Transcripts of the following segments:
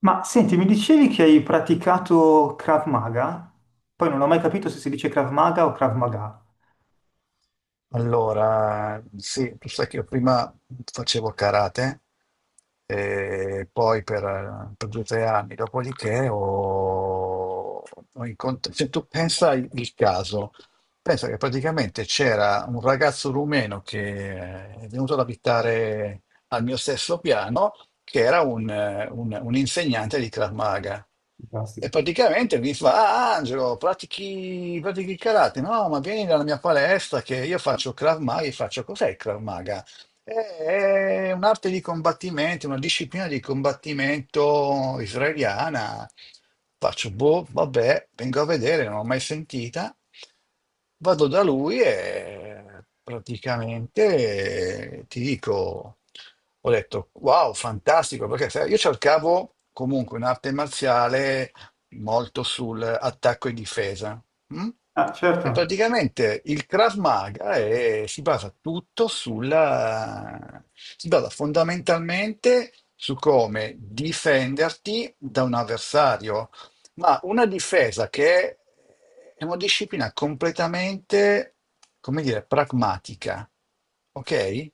Ma senti, mi dicevi che hai praticato Krav Maga? Poi non ho mai capito se si dice Krav Maga o Krav Maga. Allora, sì, tu sai che io prima facevo karate, e poi per 2 o 3 anni, dopodiché ho incontrato, se tu pensa il caso, pensa che praticamente c'era un ragazzo rumeno che è venuto ad abitare al mio stesso piano che era un insegnante di Krav Maga. E Fantastico. praticamente mi fa, ah Angelo, pratichi il karate? No, ma vieni dalla mia palestra che io faccio Krav Maga, io faccio cos'è il Krav Maga? È un'arte di combattimento, una disciplina di combattimento israeliana. Faccio, boh, vabbè, vengo a vedere, non l'ho mai sentita. Vado da lui e praticamente ti dico, ho detto, wow, fantastico, perché sai, io cercavo comunque un'arte marziale molto sull'attacco e difesa, mm? Ah, certo. E praticamente il Krav Maga si basa tutto sulla, si basa fondamentalmente su come difenderti da un avversario, ma una difesa che è una disciplina completamente, come dire, pragmatica, ok?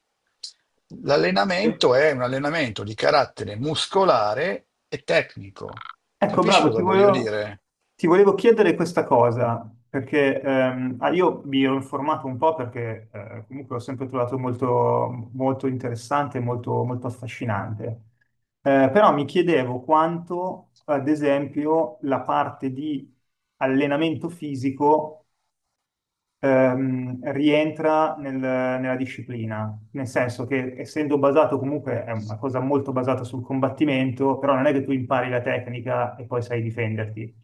Eh, L'allenamento è un allenamento di carattere muscolare e tecnico. Ecco, Capisci bravo, cosa voglio dire? ti volevo chiedere questa cosa, perché io mi ero informato un po' perché comunque l'ho sempre trovato molto, molto interessante, molto, molto affascinante. Però mi chiedevo quanto, ad esempio, la parte di allenamento fisico rientra nella disciplina, nel senso che essendo basato comunque è una cosa molto basata sul combattimento, però non è che tu impari la tecnica e poi sai difenderti.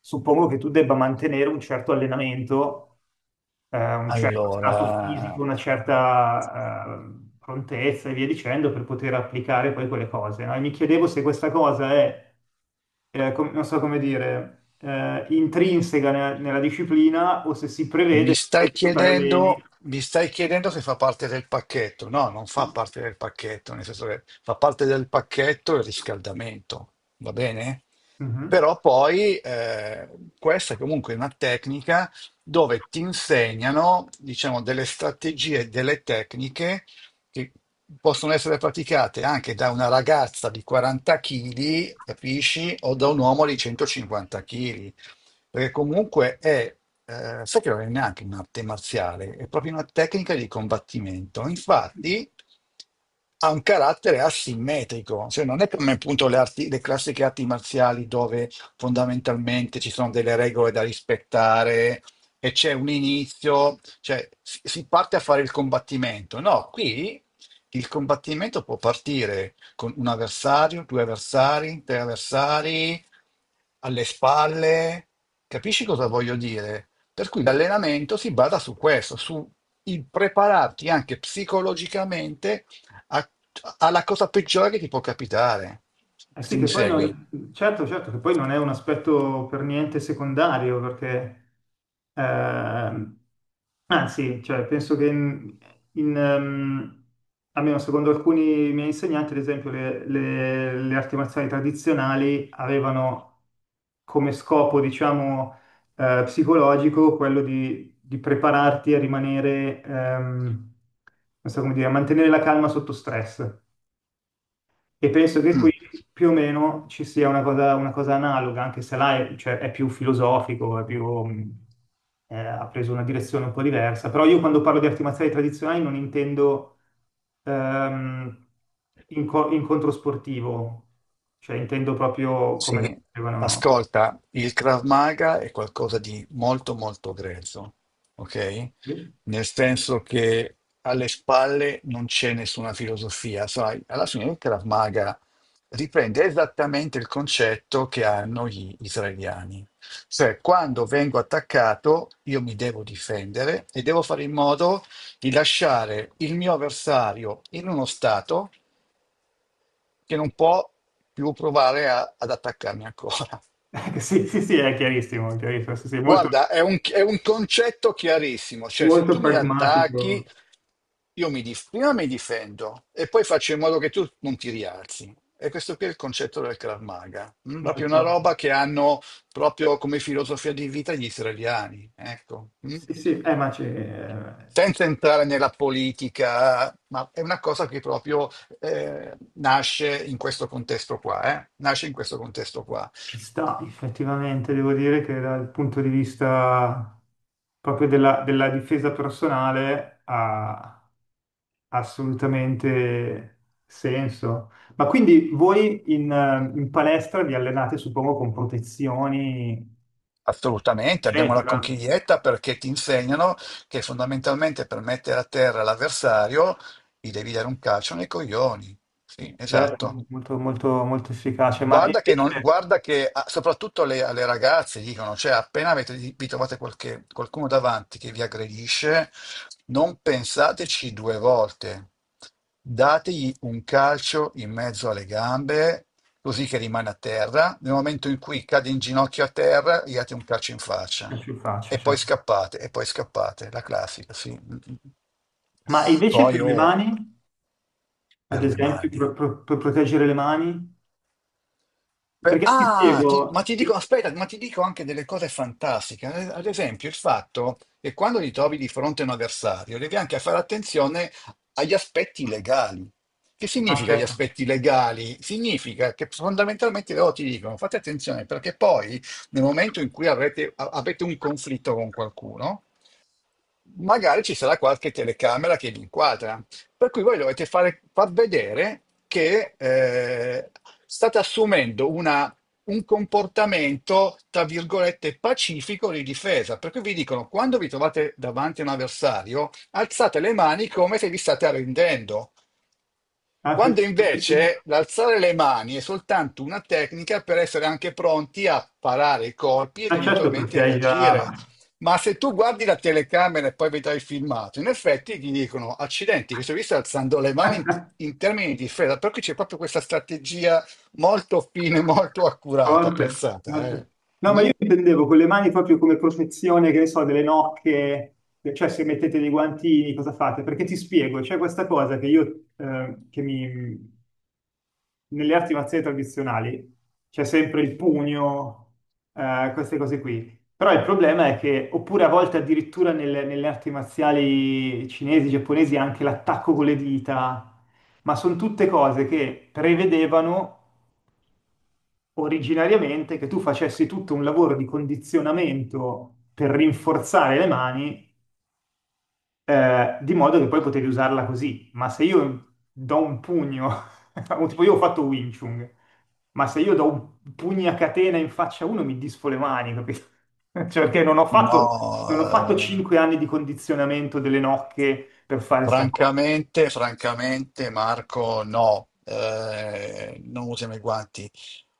Suppongo che tu debba mantenere un certo allenamento, un certo stato Allora, fisico, una certa, prontezza e via dicendo per poter applicare poi quelle cose, no? E mi chiedevo se questa cosa è non so come dire, intrinseca nella disciplina o se si Mi prevede che poi stai tu ti alleni. chiedendo, mi stai chiedendo se fa parte del pacchetto? No, non fa parte del pacchetto, nel senso che fa parte del pacchetto il riscaldamento, va bene? Mhm. Però poi questa è comunque una tecnica dove ti insegnano, diciamo, delle strategie, delle tecniche che possono essere praticate anche da una ragazza di 40 kg, capisci? O da un uomo di 150 kg. Perché comunque sai che non è neanche un'arte marziale, è proprio una tecnica di combattimento. Infatti ha un carattere asimmetrico, cioè non è come appunto le classiche arti marziali dove fondamentalmente ci sono delle regole da rispettare e c'è un inizio, cioè si parte a fare il combattimento. No, qui il combattimento può partire con un avversario, due avversari, tre avversari, alle spalle. Capisci cosa voglio dire? Per cui l'allenamento si basa su questo, su il prepararti anche psicologicamente a- alla cosa peggiore che ti può capitare, Eh se sì, che mi poi segui. non, certo, certo, che poi non è un aspetto per niente secondario, perché ehm, anzi, cioè, penso che in, ehm, almeno secondo alcuni miei insegnanti, ad esempio, le arti marziali tradizionali avevano come scopo, diciamo, psicologico quello di prepararti a rimanere, non so come dire, a mantenere la calma sotto stress. E penso che qui Mm. più o meno ci sia una cosa analoga, anche se cioè, è più filosofico, è più, ha preso una direzione un po' diversa. Però io quando parlo di arti marziali tradizionali non intendo ehm, incontro sportivo, cioè intendo proprio come le Sì, facevano. ascolta, il Krav Maga è qualcosa di molto molto grezzo, ok? Sì, Nel senso che alle spalle non c'è nessuna filosofia, sai? Alla fine il Krav Maga riprende esattamente il concetto che hanno gli israeliani, cioè quando vengo attaccato io mi devo difendere e devo fare in modo di lasciare il mio avversario in uno stato che non può più provare ad attaccarmi ancora. sì, sì, sì, è chiarissimo, sì, sì, molto, Guarda, è un concetto chiarissimo, cioè se molto tu mi pragmatico, attacchi, io prima mi difendo e poi faccio in modo che tu non ti rialzi. E questo qui è il concetto del Krav Maga, proprio molto... una roba che hanno proprio come filosofia di vita gli israeliani, ecco. Mm. Sì, sì, ma c'è... eh, Senza entrare nella politica, ma è una cosa che proprio nasce in questo contesto qua, nasce in questo contesto qua. ci sta, effettivamente, devo dire che dal punto di vista proprio della difesa personale ha assolutamente senso. Ma quindi voi in palestra vi allenate, suppongo, con protezioni, Assolutamente, abbiamo la eccetera. conchiglietta perché ti insegnano che fondamentalmente per mettere a terra l'avversario gli devi dare un calcio nei coglioni. Sì, Certo, esatto. molto, molto, molto efficace, ma Guarda che, non- invece, guarda che soprattutto alle ragazze dicono, cioè appena vi trovate qualcuno davanti che vi aggredisce, non pensateci due volte, dategli un calcio in mezzo alle gambe così che rimane a terra, nel momento in cui cade in ginocchio a terra, gli date un calcio in faccia più faccia, certo. E poi scappate, la classica, sì. Ma invece Poi per le oh, mani, ad per le esempio, mani. Per proteggere le mani? Perché ti Ma spiego... ti dico, aspetta, ma ti dico anche delle cose fantastiche. Ad esempio, il fatto che quando ti trovi di fronte a un avversario, devi anche fare attenzione agli aspetti legali. Che Ah, significa gli certo. aspetti legali? Significa che fondamentalmente loro ti dicono fate attenzione perché poi nel momento in cui avete un conflitto con qualcuno, magari ci sarà qualche telecamera che vi inquadra. Per cui voi dovete far vedere che state assumendo un comportamento, tra virgolette, pacifico di difesa. Per cui vi dicono, quando vi trovate davanti a un avversario, alzate le mani come se vi state arrendendo. Ah, sì, Quando sì. invece l'alzare le mani è soltanto una tecnica per essere anche pronti a parare i colpi ed Ah, certo, perché eventualmente hai già reagire. Ma se tu guardi la telecamera e poi vedrai il filmato, in effetti ti dicono: accidenti, questo qui sta alzando le mani in termini di difesa, perché c'è proprio questa strategia molto fine, molto accurata, forte, pensata. forte. No, ma Mm. io intendevo con le mani proprio come protezione, che ne so, delle nocche, cioè se mettete dei guantini, cosa fate? Perché ti spiego, c'è questa cosa che nelle arti marziali tradizionali c'è sempre il pugno, queste cose qui. Però il problema è che, oppure a volte addirittura nelle arti marziali cinesi, giapponesi, anche l'attacco con le dita, ma sono tutte cose che prevedevano originariamente che tu facessi tutto un lavoro di condizionamento per rinforzare le mani di modo che poi potevi usarla così. Ma se io do un pugno, o tipo io ho fatto Wing Chun, ma se io do un pugno a catena in faccia a uno mi disfo le mani, capito? Cioè, perché non ho No, fatto, non ho fatto 5 anni di condizionamento delle nocche per fare sta cosa. francamente, Marco, no, non usiamo i guanti.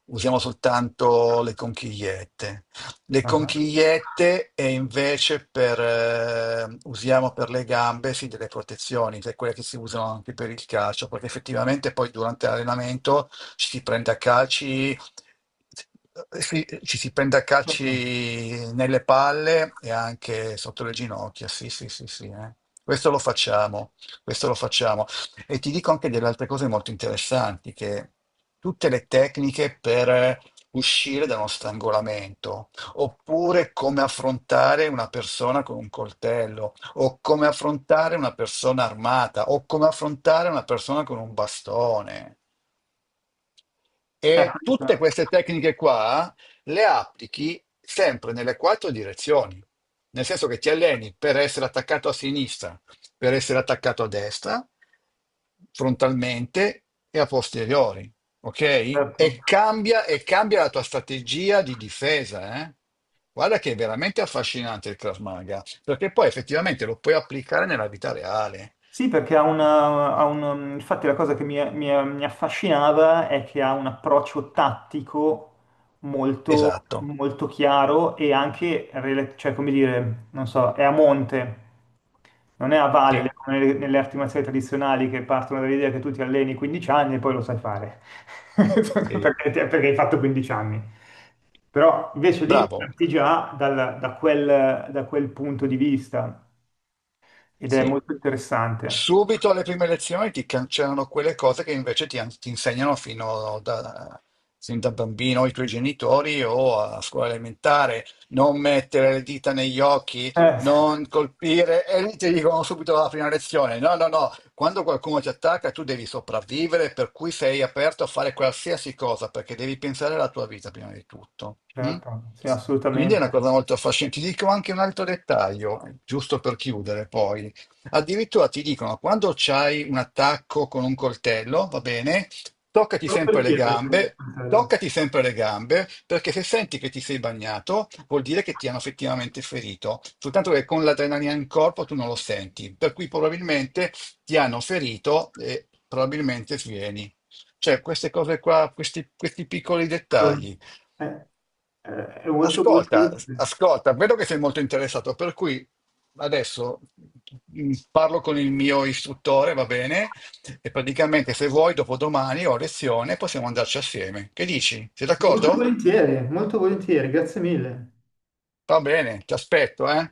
Usiamo soltanto le conchigliette. Le Ah, conchigliette e invece usiamo per le gambe sì, delle protezioni, che è quelle che si usano anche per il calcio, perché effettivamente poi durante l'allenamento ci si prende a calci, sì, ci si prende a calci certo, nelle palle e anche sotto le ginocchia. Sì, sì, sì, sì. Questo lo facciamo, questo lo facciamo. E ti dico anche delle altre cose molto interessanti, che tutte le tecniche per uscire da uno strangolamento, oppure come affrontare una persona con un coltello, o come affrontare una persona armata, o come affrontare una persona con un bastone. eh, E tutte queste tecniche qua le applichi sempre nelle quattro direzioni, nel senso che ti alleni per essere attaccato a sinistra, per essere attaccato a destra, frontalmente e a posteriori, ok? certo. E cambia la tua strategia di difesa, eh? Guarda che è veramente affascinante il Krav Maga, perché poi effettivamente lo puoi applicare nella vita reale. Sì, perché ha ha infatti la cosa che mi affascinava è che ha un approccio tattico molto, Esatto. molto chiaro e anche, cioè, come dire, non so, è a monte, non è a Sì, valle, come nelle arti marziali tradizionali che partono dall'idea che tu ti alleni 15 anni e poi lo sai fare, sì. Perché hai fatto 15 anni. Però invece lì Bravo. parti già da quel punto di vista ed è Sì. molto interessante. Subito alle prime lezioni ti cancellano quelle cose che invece ti insegnano sin da bambino i tuoi genitori o a scuola elementare. Non mettere le dita negli occhi, Eh, non colpire, e lì ti dicono subito alla prima lezione: no, no, no, quando qualcuno ti attacca tu devi sopravvivere, per cui sei aperto a fare qualsiasi cosa perché devi pensare alla tua vita prima di tutto. Mm? Certo, sì, Quindi è una assolutamente. cosa molto affascinante. Ti dico anche un altro dettaglio, giusto per chiudere poi. Addirittura ti dicono, quando c'hai un attacco con un coltello, va bene, toccati Solo per sempre le chiedere quindi il gambe, coltello. toccati sempre le gambe, perché se senti che ti sei bagnato, vuol dire che ti hanno effettivamente ferito, soltanto che con l'adrenalina in corpo tu non lo senti, per cui probabilmente ti hanno ferito e probabilmente svieni. Cioè, queste cose qua, questi piccoli Allora, dettagli. È, è- è molto molto Ascolta, utile. ascolta, vedo che sei molto interessato, per cui adesso parlo con il mio istruttore, va bene? E praticamente se vuoi, dopodomani ho lezione, possiamo andarci assieme. Che dici? Sei d'accordo? Molto volentieri, grazie mille. Va bene, ti aspetto, eh?